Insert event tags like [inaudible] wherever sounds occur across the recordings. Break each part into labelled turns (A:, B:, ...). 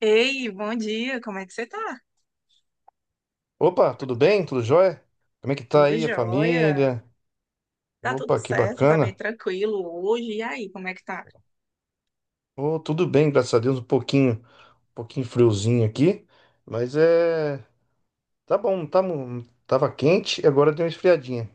A: Ei, bom dia, como é que você tá?
B: Opa, tudo bem? Tudo jóia? Como é que tá
A: Tudo
B: aí a
A: jóia?
B: família?
A: Tá tudo
B: Opa, que
A: certo, tá bem
B: bacana.
A: tranquilo hoje. E aí, como é que tá?
B: Oh, tudo bem, graças a Deus, um pouquinho friozinho aqui, mas tá bom, tá, tava quente e agora deu uma esfriadinha.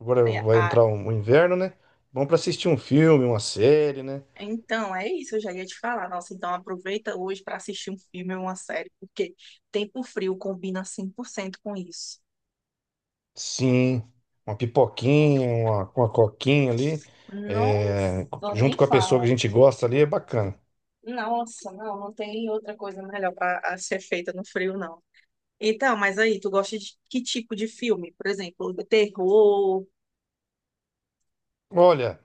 B: Agora
A: É,
B: vai
A: ah,
B: entrar o inverno, né? Bom pra assistir um filme, uma série, né?
A: é isso, eu já ia te falar. Nossa, então aproveita hoje pra assistir um filme ou uma série, porque tempo frio combina 100% com isso.
B: Sim, uma pipoquinha, uma coquinha ali, é,
A: Nossa,
B: junto
A: nem
B: com a pessoa que a
A: fala.
B: gente gosta ali, é bacana.
A: Nossa, não tem outra coisa melhor para ser feita no frio, não. Então, mas aí, tu gosta de que tipo de filme? Por exemplo, terror.
B: Olha,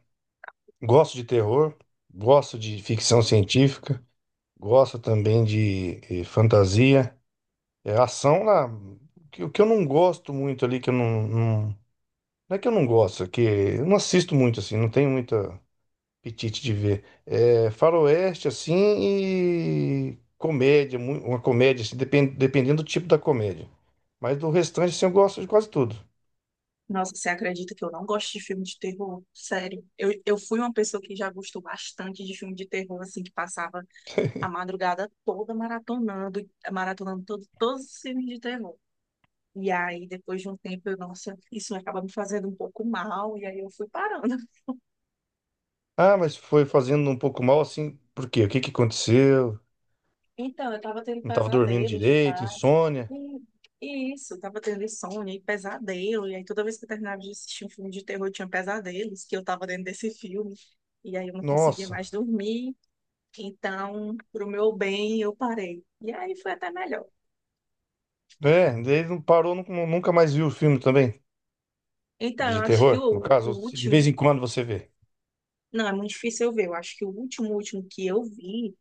B: gosto de terror, gosto de ficção científica. Gosto também de fantasia. É, ação lá. O que eu não gosto muito ali, que eu não, não. Não é que eu não gosto, é que eu não assisto muito assim, não tenho muito apetite de ver. É faroeste assim e comédia, uma comédia, assim, dependendo do tipo da comédia. Mas do restante, assim, eu gosto de quase tudo.
A: Nossa, você acredita que eu não gosto de filme de terror? Sério. Eu fui uma pessoa que já gostou bastante de filme de terror, assim, que passava a madrugada toda maratonando, maratonando todos os filmes de terror. E aí, depois de um tempo, eu, nossa, isso acaba me fazendo um pouco mal, e aí eu fui parando. [laughs]
B: Ah, mas foi fazendo um pouco mal assim, por quê? O que que aconteceu?
A: Então, eu tava tendo
B: Não estava dormindo
A: pesadelos
B: direito,
A: demais.
B: insônia.
A: E, e isso, eu tava tendo insônia e pesadelo. E aí, toda vez que eu terminava de assistir um filme de terror, eu tinha pesadelos, que eu tava dentro desse filme. E aí eu não conseguia
B: Nossa.
A: mais dormir. Então, pro meu bem, eu parei. E aí foi até melhor.
B: É, daí não parou, nunca mais viu o filme também.
A: Então, eu
B: De
A: acho que
B: terror, no
A: o
B: caso, se de vez
A: último.
B: em quando você vê.
A: Não, é muito difícil eu ver. Eu acho que o último, último que eu vi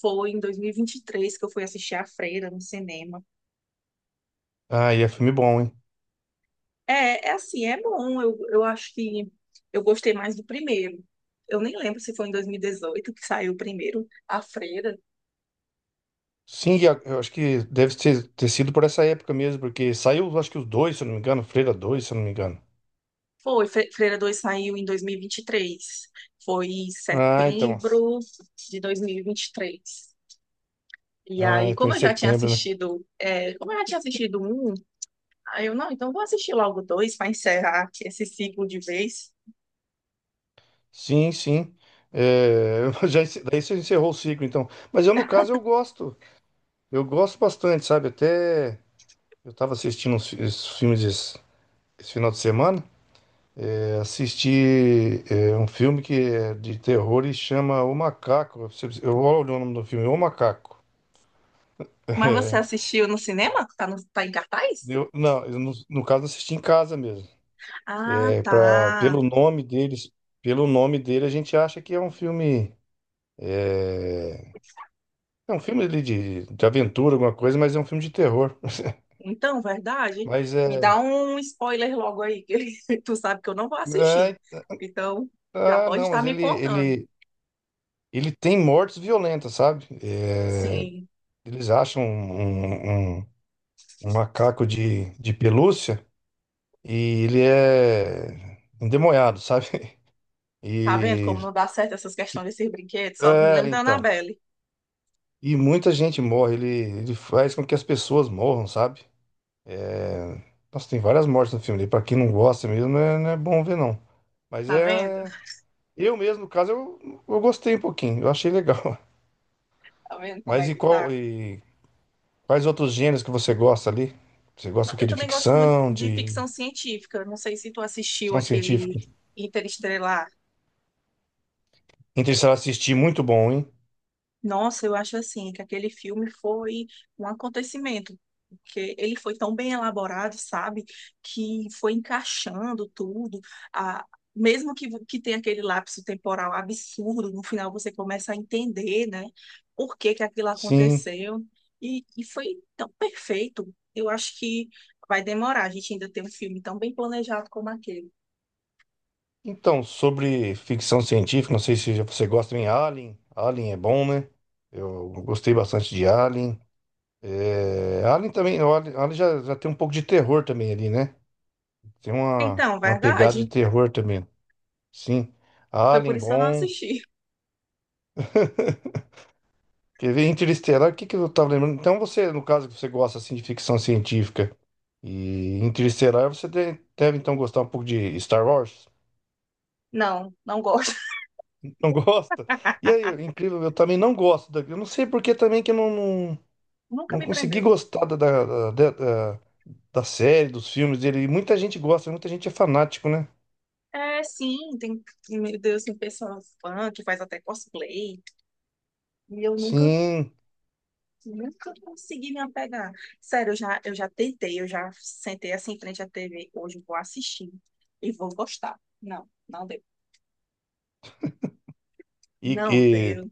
A: foi em 2023, que eu fui assistir A Freira no cinema.
B: Ah, e é filme bom, hein?
A: É, é assim, é bom. Eu acho que eu gostei mais do primeiro. Eu nem lembro se foi em 2018 que saiu o primeiro, A Freira.
B: Sim, e eu acho que deve ter sido por essa época mesmo, porque saiu, acho que os dois, se eu não me engano, Freira dois, se eu não me engano.
A: Foi, Freira 2 saiu em 2023. Foi em
B: Ah, então.
A: setembro de 2023. E aí,
B: Ah, foi em
A: como eu já tinha
B: setembro, né?
A: assistido, é, como eu já tinha assistido um, aí eu, não, então vou assistir logo dois para encerrar aqui esse ciclo de vez.
B: Sim, sim. [laughs] Já, daí você encerrou o ciclo, então. Mas eu, no caso, eu gosto. Eu gosto bastante, sabe? Até eu tava assistindo esses filmes esse final de semana. Assisti um filme que é de terror e chama O Macaco. Eu vou olhar o nome do filme, O Macaco.
A: Mas você
B: [laughs]
A: assistiu no cinema? Tá, no, tá em cartaz?
B: Não, eu no caso assisti em casa mesmo.
A: Ah, tá.
B: Pelo nome deles, pelo nome dele a gente acha que é, é um filme ali de aventura, alguma coisa, mas é um filme de terror. [laughs]
A: Então, verdade.
B: Mas
A: Me dá um spoiler logo aí, que [laughs] tu sabe que eu não vou assistir.
B: é
A: Então, já pode
B: não,
A: estar
B: mas
A: me
B: ele
A: contando.
B: ele ele tem mortes violentas, sabe? É,
A: Sim.
B: eles acham um macaco de pelúcia e ele é endemoniado, sabe? [laughs]
A: Tá vendo
B: E
A: como não dá certo essas questões desses brinquedos? Só me
B: é,
A: lembra da
B: então,
A: Annabelle.
B: e muita gente morre, ele faz com que as pessoas morram, sabe? Nossa, tem várias mortes no filme, e pra quem não gosta mesmo, não é, não é bom ver não. Mas
A: Tá vendo?
B: é eu mesmo, no caso, eu gostei um pouquinho, eu achei legal. [laughs]
A: Tá vendo como é
B: Mas e
A: que tá?
B: qual e quais outros gêneros que você gosta ali? Você
A: Não,
B: gosta o
A: eu
B: quê? De
A: também gosto muito
B: ficção,
A: de
B: de
A: ficção científica. Não sei se tu assistiu
B: Ficção
A: aquele
B: científica?
A: Interestelar.
B: Interestelar assisti, muito bom, hein?
A: Nossa, eu acho assim que aquele filme foi um acontecimento, porque ele foi tão bem elaborado, sabe, que foi encaixando tudo. A, mesmo que tenha aquele lapso temporal absurdo, no final você começa a entender, né, por que que aquilo
B: Sim.
A: aconteceu. E foi tão perfeito. Eu acho que vai demorar. A gente ainda tem um filme tão bem planejado como aquele.
B: Então, sobre ficção científica, não sei se já você gosta em Alien. Alien é bom, né? Eu gostei bastante de Alien. Alien também, Alien já tem um pouco de terror também ali, né? Tem uma,
A: Então,
B: uma pegada de
A: verdade.
B: terror também. Sim.
A: Foi por
B: Alien,
A: isso que eu não
B: bom.
A: assisti.
B: Quer ver Interestelar? O que que eu tava lembrando? Então, você, no caso que você gosta assim de ficção científica e Interestelar, você deve então gostar um pouco de Star Wars?
A: Não, não gosto.
B: [laughs] Não gosta? E aí, incrível, eu também não gosto da. Eu não sei por que também que eu não.
A: [laughs] Nunca
B: Não
A: me
B: consegui
A: prendeu.
B: gostar da, da- da série, dos filmes dele. E muita gente gosta, muita gente é fanático, né?
A: É, sim, tem, meu Deus, tem pessoa fã que faz até cosplay. E eu nunca,
B: Sim,
A: nunca consegui me apegar. Sério, eu já tentei, eu já sentei assim em frente à TV. Hoje eu vou assistir e vou gostar. Não, não deu.
B: e,
A: Não
B: e,
A: deu.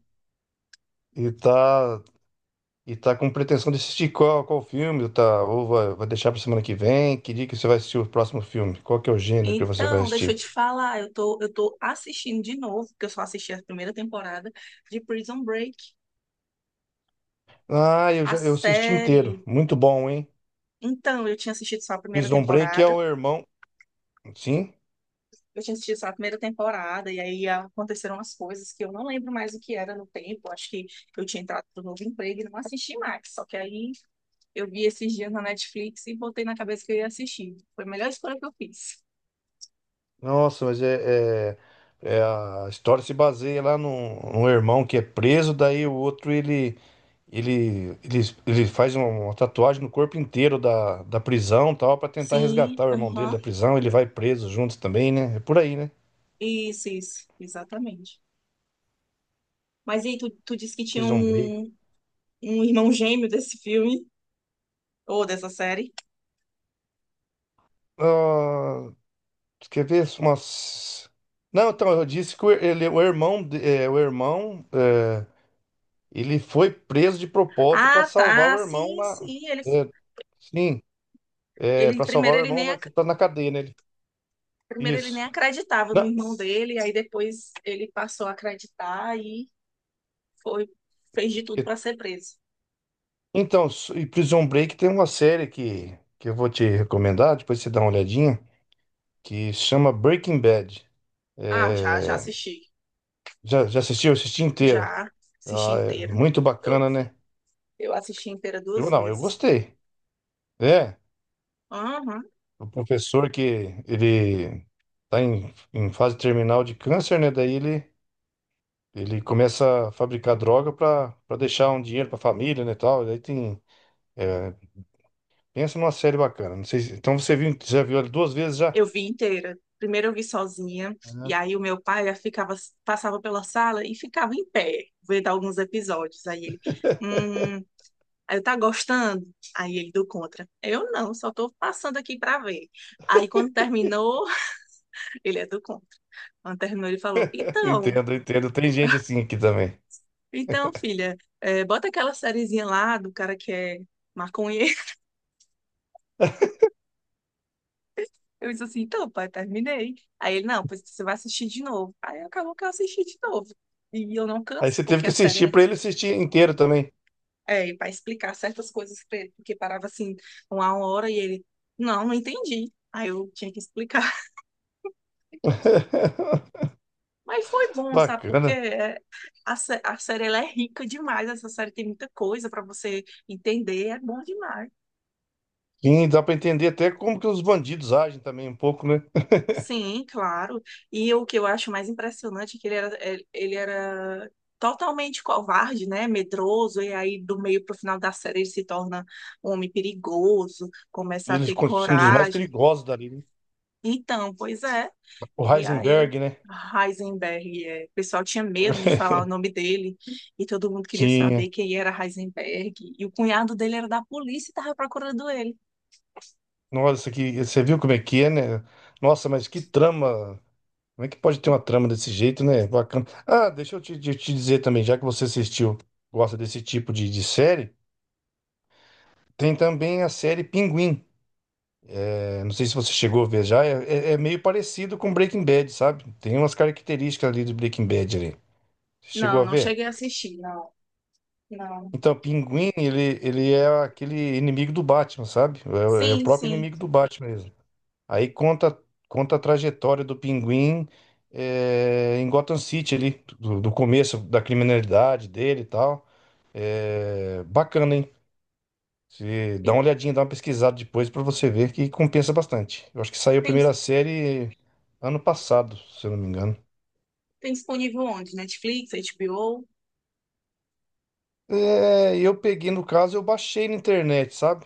B: e tá, e tá com pretensão de assistir qual filme, tá? Ou vai deixar pra semana que vem? Que dia que você vai assistir o próximo filme? Qual que é o gênero que você vai
A: Então, deixa eu
B: assistir?
A: te falar, eu tô assistindo de novo, porque eu só assisti a primeira temporada de Prison Break,
B: Ah, eu
A: a
B: já eu assisti inteiro.
A: série.
B: Muito bom, hein?
A: Então, eu tinha assistido só a primeira
B: Prison Break é
A: temporada.
B: o irmão. Sim.
A: Eu tinha assistido só a primeira temporada, e aí aconteceram umas coisas que eu não lembro mais o que era no tempo. Acho que eu tinha entrado no novo emprego e não assisti mais. Só que aí eu vi esses dias na Netflix e botei na cabeça que eu ia assistir. Foi a melhor escolha que eu fiz.
B: Nossa, mas a história se baseia lá num irmão que é preso, daí o outro ele, ele, ele faz uma tatuagem no corpo inteiro da prisão, e tal, pra tentar
A: Sim,
B: resgatar o irmão dele
A: aham.
B: da prisão, ele vai preso juntos também, né? É por aí, né?
A: Isso, exatamente. Mas e aí, tu disse que tinha
B: Prison Break.
A: um irmão gêmeo desse filme, ou dessa série?
B: Ah, quer ver umas. Não, então, eu disse que o irmão, ele foi preso de propósito para
A: Ah,
B: salvar o
A: tá,
B: irmão
A: sim,
B: na.
A: sim. Ele,
B: É, sim, É,
A: ele
B: pra salvar
A: primeiro
B: o
A: ele
B: irmão
A: nem
B: lá que tá na cadeia, né?
A: Primeiro ele nem
B: Isso.
A: acreditava no
B: Não,
A: irmão dele, aí depois ele passou a acreditar e foi, fez de tudo
B: e-
A: para ser preso.
B: então, Prison Break tem uma série que eu vou te recomendar, depois você dá uma olhadinha, que chama Breaking Bad.
A: Ah, já, já
B: É,
A: assisti.
B: já, assistiu? Eu assisti inteira.
A: Já assisti
B: Ah, é
A: inteira.
B: muito
A: Eu,
B: bacana, né?
A: eu assisti inteira
B: Eu
A: duas
B: não, eu
A: vezes.
B: gostei. É,
A: Aham.
B: o professor que ele tá em fase terminal de câncer, né? Daí ele começa a fabricar droga para deixar um dinheiro para a família, né, tal. Daí tem, é, pensa numa série bacana. Não sei. Então você viu, já viu ela duas vezes já?
A: Eu vi inteira. Primeiro eu vi sozinha, e
B: Ah,
A: aí o meu pai ficava, passava pela sala e ficava em pé, vendo alguns episódios.
B: [laughs]
A: Hum, aí eu tá gostando? Aí ele do contra. Eu não, só tô passando aqui para ver. Aí quando terminou, [laughs] ele é do contra. Quando terminou, ele falou:
B: Entendo, entendo. Tem gente assim aqui também.
A: então, filha, é, bota aquela sériezinha lá do cara que é maconheiro. [laughs]
B: [laughs]
A: Eu disse assim: Então, pai, terminei. Aí ele: Não, pois você vai assistir de novo. Aí acabou que eu assisti de novo. E eu não
B: Aí
A: canso,
B: você teve
A: porque
B: que
A: a
B: assistir
A: série
B: pra ele assistir inteiro também.
A: é para explicar certas coisas pra ele, porque parava assim, uma hora e ele: Não, não entendi. Aí eu tinha que explicar. [laughs]
B: [laughs]
A: Mas foi bom, sabe? Porque
B: Bacana.
A: é, a série ela é rica demais. Essa série tem muita coisa para você entender. É bom demais.
B: Sim, dá pra entender até como que os bandidos agem também um pouco, né?
A: Sim, claro. E o que eu acho mais impressionante é que ele era totalmente covarde, né? Medroso, e aí do meio para o final da série ele se torna um homem perigoso, começa a
B: Eles
A: ter
B: são dos mais
A: coragem.
B: perigosos dali, né?
A: Então, pois é.
B: O
A: E aí,
B: Heisenberg, né?
A: Heisenberg, é, o pessoal tinha medo de falar o
B: [laughs]
A: nome dele, e todo mundo queria
B: Tinha.
A: saber quem era Heisenberg. E o cunhado dele era da polícia e estava procurando ele.
B: Nossa, que você viu como é que é, né? Nossa, mas que trama. Como é que pode ter uma trama desse jeito, né? Bacana. Ah, deixa eu te dizer também, já que você assistiu, gosta desse tipo de série, tem também a série Pinguim. Não sei se você chegou a ver já, é meio parecido com Breaking Bad, sabe? Tem umas características ali do Breaking Bad ali. Você chegou
A: Não,
B: a
A: não
B: ver?
A: cheguei a assistir, não. Não.
B: Então, Pinguim, ele é aquele inimigo do Batman, sabe? É o
A: Sim,
B: próprio
A: sim.
B: inimigo do Batman mesmo. Aí conta a trajetória do Pinguim, em Gotham City ali, do começo da criminalidade dele e tal. É bacana, hein? Se dá
A: E
B: uma olhadinha, dá uma pesquisada depois pra você ver que compensa bastante. Eu acho que saiu a
A: tem,
B: primeira série ano passado, se eu não me engano.
A: tem disponível onde? Netflix, HBO?
B: Eu peguei no caso, eu baixei na internet, sabe?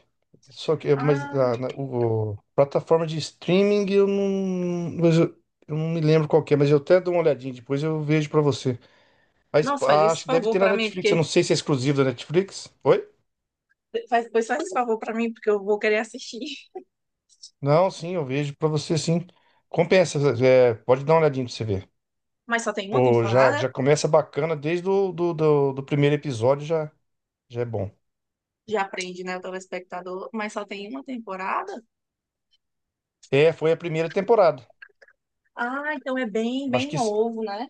B: Só que, mas
A: Ah,
B: a, plataforma de streaming eu não, mas eu não me lembro qual que é, mas eu até dou uma olhadinha depois eu vejo pra você. A Sp-
A: nossa, faz esse
B: Acho que deve
A: favor
B: ter na
A: pra mim,
B: Netflix, eu não
A: porque.
B: sei se é exclusivo da Netflix. Oi?
A: Faz, depois faz esse favor pra mim, porque eu vou querer assistir. [laughs]
B: Não, sim, eu vejo pra você sim. Compensa, pode dar uma olhadinha pra você ver.
A: Mas só tem uma
B: Pô, já,
A: temporada?
B: já começa bacana desde o do primeiro episódio, já é bom.
A: Já aprende, né, o telespectador? Mas só tem uma temporada?
B: Foi a primeira temporada.
A: Ah, então é bem,
B: Eu acho
A: bem
B: que
A: novo, né?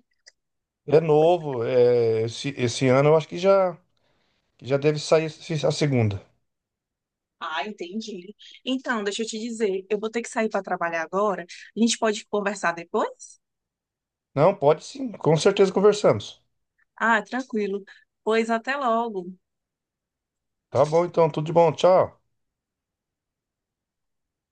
B: é novo, esse ano eu acho que que já deve sair a segunda.
A: Ah, entendi. Então, deixa eu te dizer, eu vou ter que sair para trabalhar agora. A gente pode conversar depois?
B: Não, pode sim, com certeza conversamos.
A: Ah, tranquilo. Pois até logo.
B: Tá bom então, tudo de bom, tchau.